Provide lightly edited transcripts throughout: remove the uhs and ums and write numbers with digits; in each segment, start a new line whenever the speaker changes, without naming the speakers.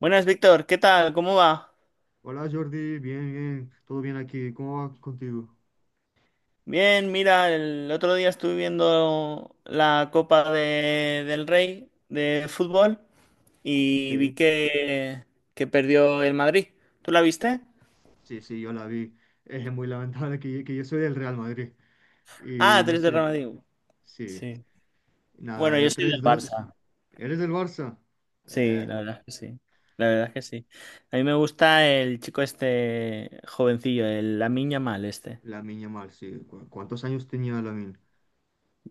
Buenas, Víctor, ¿qué tal? ¿Cómo va?
Hola Jordi, bien, bien, todo bien aquí, ¿cómo va contigo?
Bien, mira, el otro día estuve viendo la Copa del Rey de fútbol y vi
Sí,
que perdió el Madrid. ¿Tú la viste?
sí, sí, yo la vi. Es muy lamentable que yo soy del Real Madrid y
Ah,
no
tres de Real
sé,
Madrid.
sí,
Sí.
nada,
Bueno, yo
el
soy del
3-2.
Barça.
¿Eres del Barça?
Sí,
Eh,
la verdad es que sí. La verdad es que sí. A mí me gusta el chico este jovencillo, el Lamine Yamal este.
Lamine mal, sí. ¿Cuántos años tenía Lamine?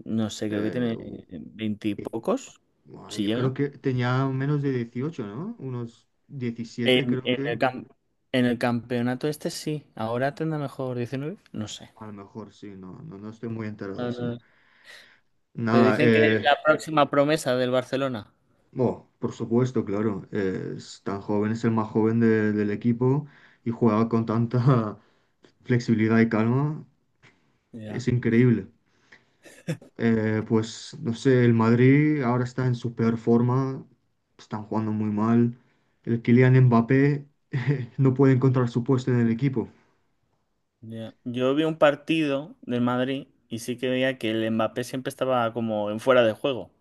No sé, creo que
Eh,
tiene
u-
veintipocos,
bueno,
si
yo creo
llega.
que tenía menos de 18, ¿no? Unos 17
En,
creo
en
que,
el en el campeonato este sí. Ahora tendrá mejor 19. No sé.
a lo mejor sí, no, no, no estoy muy enterado,
No,
sí.
no. Te
Nada.
dicen que es la próxima promesa del Barcelona.
Oh, por supuesto, claro. Es tan joven, es el más joven del equipo y juega con tanta flexibilidad y calma. Es
Ya,
increíble. Pues no sé, el Madrid ahora está en su peor forma. Están jugando muy mal. El Kylian Mbappé no puede encontrar su puesto en el equipo.
ya. Yo vi un partido del Madrid y sí que veía que el Mbappé siempre estaba como en fuera de juego.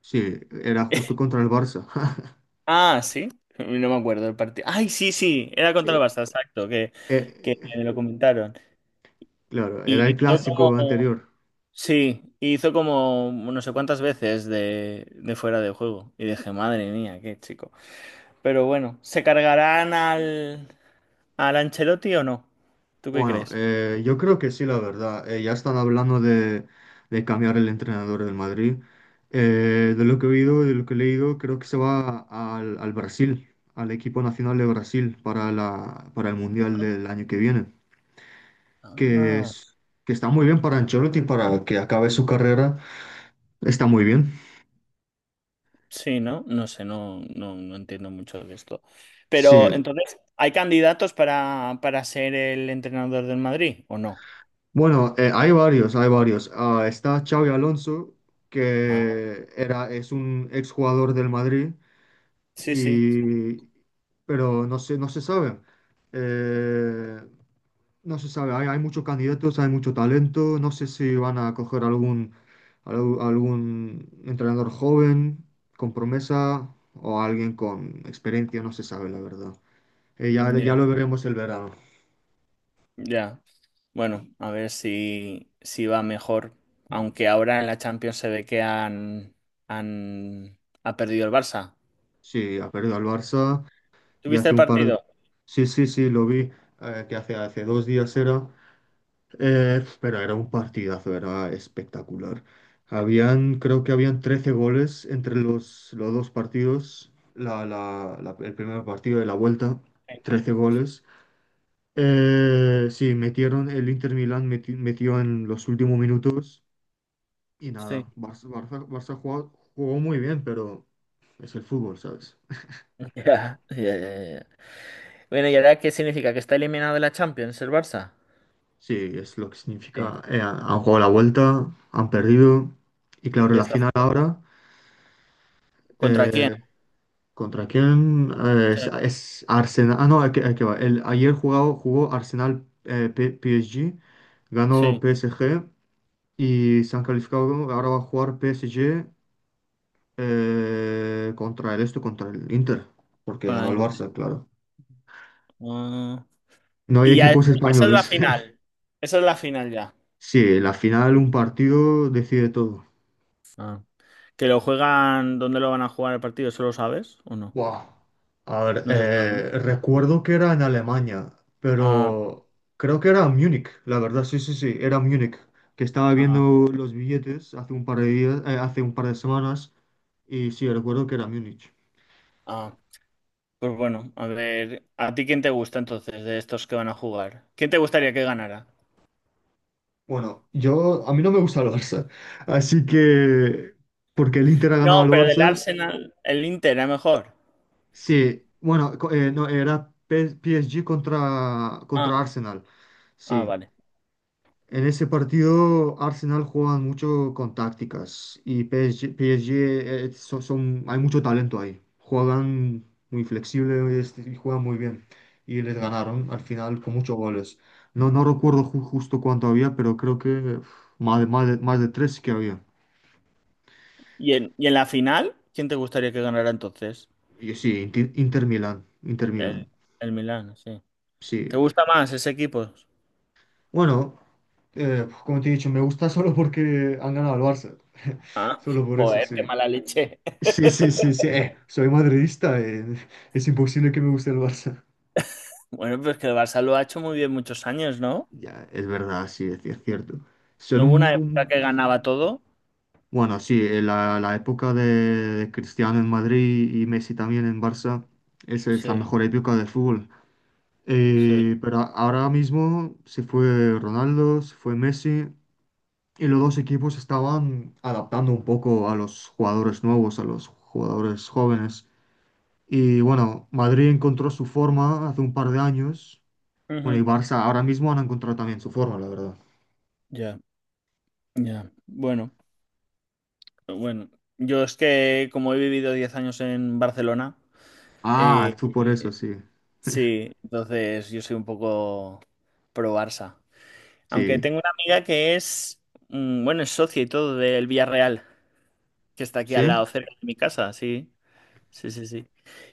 Sí, era justo contra el Barça.
Ah, sí. No me acuerdo del partido. Ay, sí, sí. Era contra el
Eh,
Barça, exacto.
eh,
Que
eh,
me lo comentaron.
claro, era
Y
el
hizo como.
clásico anterior.
Sí, hizo como no sé cuántas veces de fuera de juego. Y dije, madre mía, qué chico. Pero bueno, ¿se cargarán al, al Ancelotti o no? ¿Tú qué
Bueno,
crees?
yo creo que sí, la verdad. Ya están hablando de cambiar el entrenador del Madrid. De lo que he oído y de lo que he leído, creo que se va al Brasil, al equipo nacional de Brasil para el Mundial del año que viene. Que
Ah.
es, que está muy bien para Ancelotti, para que acabe su carrera. Está muy bien.
Sí, ¿no? No sé, no, no, no entiendo mucho de esto. Pero
Sí.
entonces, ¿hay candidatos para ser el entrenador del Madrid o no?
Bueno, hay varios, hay varios. Ah, está Xavi Alonso,
Ah,
que era, es un exjugador del Madrid.
sí, sí.
Y, pero no se sabe. Eh, no se sabe, hay muchos candidatos, hay mucho talento, no sé si van a coger algún entrenador joven con promesa o alguien con experiencia, no se sabe la verdad. Ya, ya
Ya,
lo veremos el verano.
ya. Bueno, a ver si, si va mejor. Aunque ahora en la Champions se ve que han, han ha perdido el Barça.
Sí, ha perdido al Barça y
¿Tuviste
hace
el
un par de.
partido?
Sí, sí, sí, lo vi, que hace 2 días era. Pero era un partidazo, era espectacular. Habían, creo que habían 13 goles entre los dos partidos, el primer partido de la vuelta,
Sí.
13 goles. Sí, metieron, el Inter Milán metió en los últimos minutos y
Sí.
nada, Barça jugó muy bien, pero es el fútbol, ¿sabes?
Ya, ya, ya, ya. Bueno, ¿y ahora qué significa? ¿Que está eliminado de la Champions el Barça?
Sí, es lo que
Sí.
significa. Han jugado la vuelta, han perdido y claro,
Ya
la
está.
final ahora.
¿Contra quién?
eh, ¿Contra quién? Eh, es,
Sí,
es Arsenal. Ah, no, aquí va. Ayer jugó Arsenal, PSG, ganó
sí,
P S G y se han calificado, ¿no? Ahora va a jugar P PSG, contra el esto, contra el Inter, porque
con
ganó
la
el
Inter.
Barça, claro.
Ah.
No hay
Y ya,
equipos
esa es la
españoles.
final. Esa es la final ya.
Sí, en la final un partido decide todo.
Ah. ¿Que lo juegan? ¿Dónde lo van a jugar el partido? ¿Eso lo sabes o no?
Buah. A ver,
No se sabe. ¿No?
recuerdo que era en Alemania,
Ah, bueno.
pero creo que era en Múnich, la verdad, sí, sí, sí, era en Múnich, que estaba viendo
Ah,
los billetes hace un par de días, hace un par de semanas, y sí, recuerdo que era en Múnich.
ah. Pues bueno, a ver, ¿a ti quién te gusta entonces de estos que van a jugar? ¿Quién te gustaría que ganara?
Bueno, yo, a mí no me gusta el Barça, así que, porque el Inter ha ganado
No,
al
pero del
Barça,
Arsenal, el Inter era mejor.
sí, bueno, no, era P- S. G. contra
Ah,
Arsenal,
ah,
sí.
vale.
En ese partido, Arsenal juegan mucho con tácticas y PSG, son, hay mucho talento ahí. Juegan muy flexible este, y juegan muy bien. Y les ganaron al final con muchos goles. No, no recuerdo justo cuánto había, pero creo que uf, más de tres que había.
Y en la final, quién te gustaría que ganara entonces?
Y sí, Inter Milán, Inter Milán,
El, el Milán, sí. ¿Te
sí.
gusta más ese equipo?
Bueno, como te he dicho, me gusta solo porque han ganado al Barça.
Ah,
Solo por eso,
joder,
sí.
qué mala leche.
Sí, sí, sí, sí. Soy madridista. Es imposible que me guste el Barça.
Bueno, pues que el Barça lo ha hecho muy bien muchos años, ¿no?
Ya, es verdad, sí, es cierto. Son
¿No hubo una
un,
época que
un-
ganaba todo?
Bueno, sí, la época de Cristiano en Madrid y Messi también en Barça, esa es la
Sí,
mejor época del fútbol.
sí.
Pero ahora mismo se fue Ronaldo, se fue Messi, y los dos equipos estaban adaptando un poco a los jugadores nuevos, a los jugadores jóvenes. Y bueno, Madrid encontró su forma hace un par de años. Bueno, y
Ujú.
Barça ahora mismo han encontrado también su forma, la verdad.
Ya, ya. Bueno, bueno. Yo es que como he vivido 10 años en Barcelona,
Ah,
eh,
tú por eso, sí.
sí, entonces yo soy un poco pro Barça. Aunque
Sí.
tengo una amiga que es, bueno, es socia y todo del Villarreal. Que está aquí al lado,
¿Sí?
cerca de mi casa, sí. Sí, sí, sí.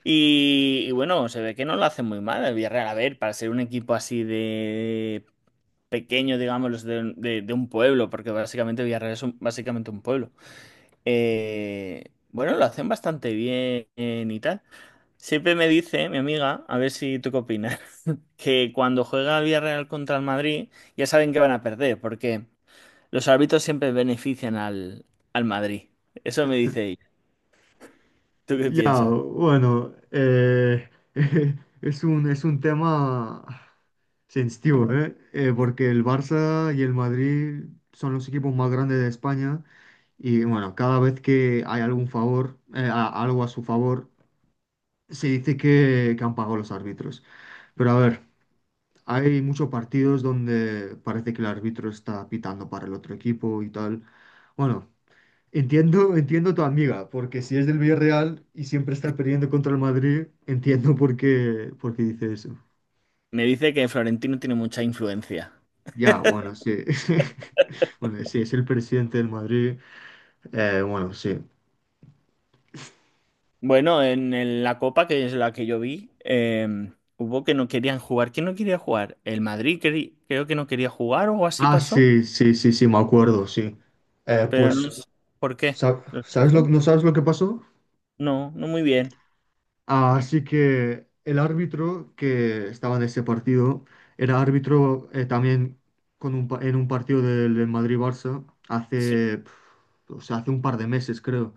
Y bueno, se ve que no lo hace muy mal el Villarreal. A ver, para ser un equipo así de pequeño, digamos, de, de un pueblo, porque básicamente Villarreal es básicamente un pueblo. Bueno, lo hacen bastante bien y tal. Siempre me dice mi amiga, a ver si tú qué opinas, que cuando juega el Villarreal contra el Madrid, ya saben que van a perder, porque los árbitros siempre benefician al, al Madrid. Eso me dice ella. ¿Tú qué
Ya,
piensas?
bueno, es un tema sensitivo, ¿eh? Porque el Barça y el Madrid son los equipos más grandes de España y bueno, cada vez que hay algún favor, algo a su favor, se dice que han pagado los árbitros. Pero a ver. Hay muchos partidos donde parece que el árbitro está pitando para el otro equipo y tal. Bueno, entiendo, entiendo tu amiga, porque si es del Villarreal y siempre está perdiendo contra el Madrid, entiendo por qué dice eso.
Me dice que Florentino tiene mucha influencia.
Ya, bueno, sí. Bueno, sí, es el presidente del Madrid. Bueno, sí.
Bueno, en la Copa, que es la que yo vi, hubo que no querían jugar. ¿Quién no quería jugar? El Madrid creo que no quería jugar o algo así
Ah,
pasó,
sí, sí, sí, sí, me acuerdo, sí.
pero no
Pues,
sé por qué. ¿Lo sabes
¿sabes lo,
tú?
no sabes lo que pasó?
No, no muy bien.
Así que el árbitro que estaba en ese partido era árbitro también, en un partido del Madrid-Barça
Sí,
hace, o sea, hace un par de meses, creo.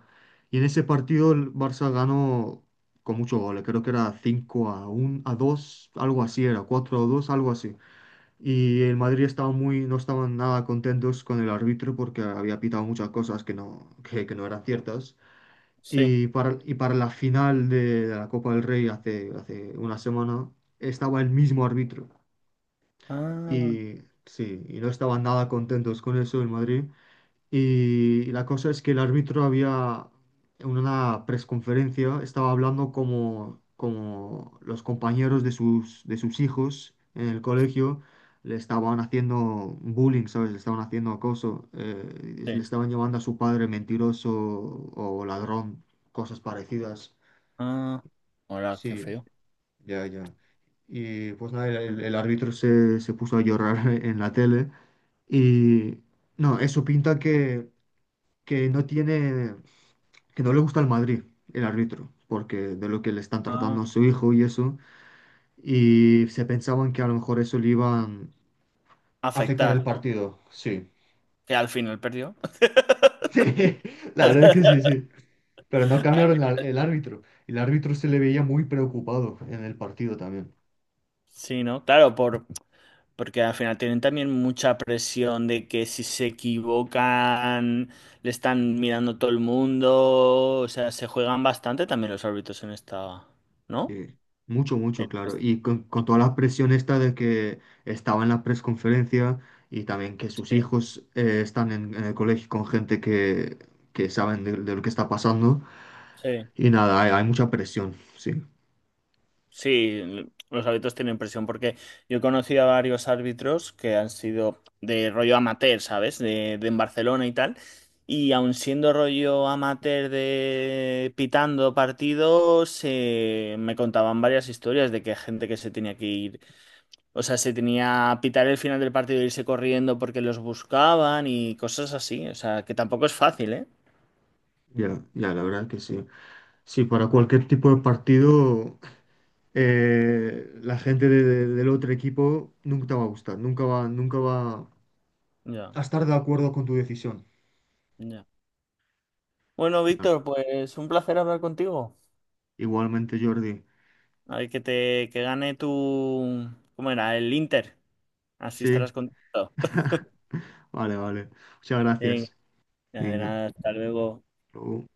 Y en ese partido el Barça ganó con mucho gol, creo que era cinco a 1, a 2 algo así era, 4-2 algo así. Y el Madrid estaba muy, no estaban nada contentos con el árbitro porque había pitado muchas cosas que no eran ciertas.
sí.
Y para la final de la Copa del Rey hace una semana estaba el mismo árbitro.
Ah,
Y sí, y no estaban nada contentos con eso en Madrid. Y la cosa es que el árbitro había, en una presconferencia, estaba hablando como los compañeros de sus hijos en el colegio le estaban haciendo bullying, ¿sabes? Le estaban haciendo acoso, le
sí.
estaban llamando a su padre mentiroso o ladrón, cosas parecidas.
Ah, ahora qué
Sí,
feo.
ya, ya. Y pues nada, el árbitro se puso a llorar en la tele y no, eso pinta que no tiene que no le gusta el Madrid, el árbitro, porque de lo que le están tratando
Ah,
a su hijo y eso, y se pensaban que a lo mejor eso le iban a afectar el
afectar, ¿no?
partido, sí.
Que al final perdió.
Sí, la verdad es que sí, sí. Pero no cambiaron el, ar- el árbitro. El árbitro se le veía muy preocupado en el partido también.
Sí, ¿no? Claro, por, porque al final tienen también mucha presión de que si se equivocan, le están mirando todo el mundo. O sea, se juegan bastante también los árbitros en esta, ¿no?
Sí, mucho, mucho,
En
claro. Y con toda la presión esta de que estaba en la presconferencia y también que sus
sí,
hijos están en el colegio con gente que saben de lo que está pasando.
sí.
Y nada, hay mucha presión, sí.
Sí, los árbitros tienen presión porque yo he conocido a varios árbitros que han sido de rollo amateur, ¿sabes? De en Barcelona y tal. Y aun siendo rollo amateur de pitando partidos, me contaban varias historias de que gente que se tenía que ir. O sea, se tenía a pitar el final del partido e irse corriendo porque los buscaban y cosas así. O sea, que tampoco es fácil, ¿eh?
Ya, ya, la verdad que sí. Sí, para cualquier tipo de partido, la gente del otro equipo nunca te va a gustar, nunca va a
Ya,
estar de acuerdo con tu decisión.
ya. Bueno,
Claro.
Víctor, pues un placer hablar contigo.
Igualmente, Jordi.
A ver, que te que gane tu... ¿Cómo era? El Inter. Así
Sí,
estarás contento.
vale, vale. Muchas
Venga,
gracias.
de
Venga.
nada, hasta luego.
Luego.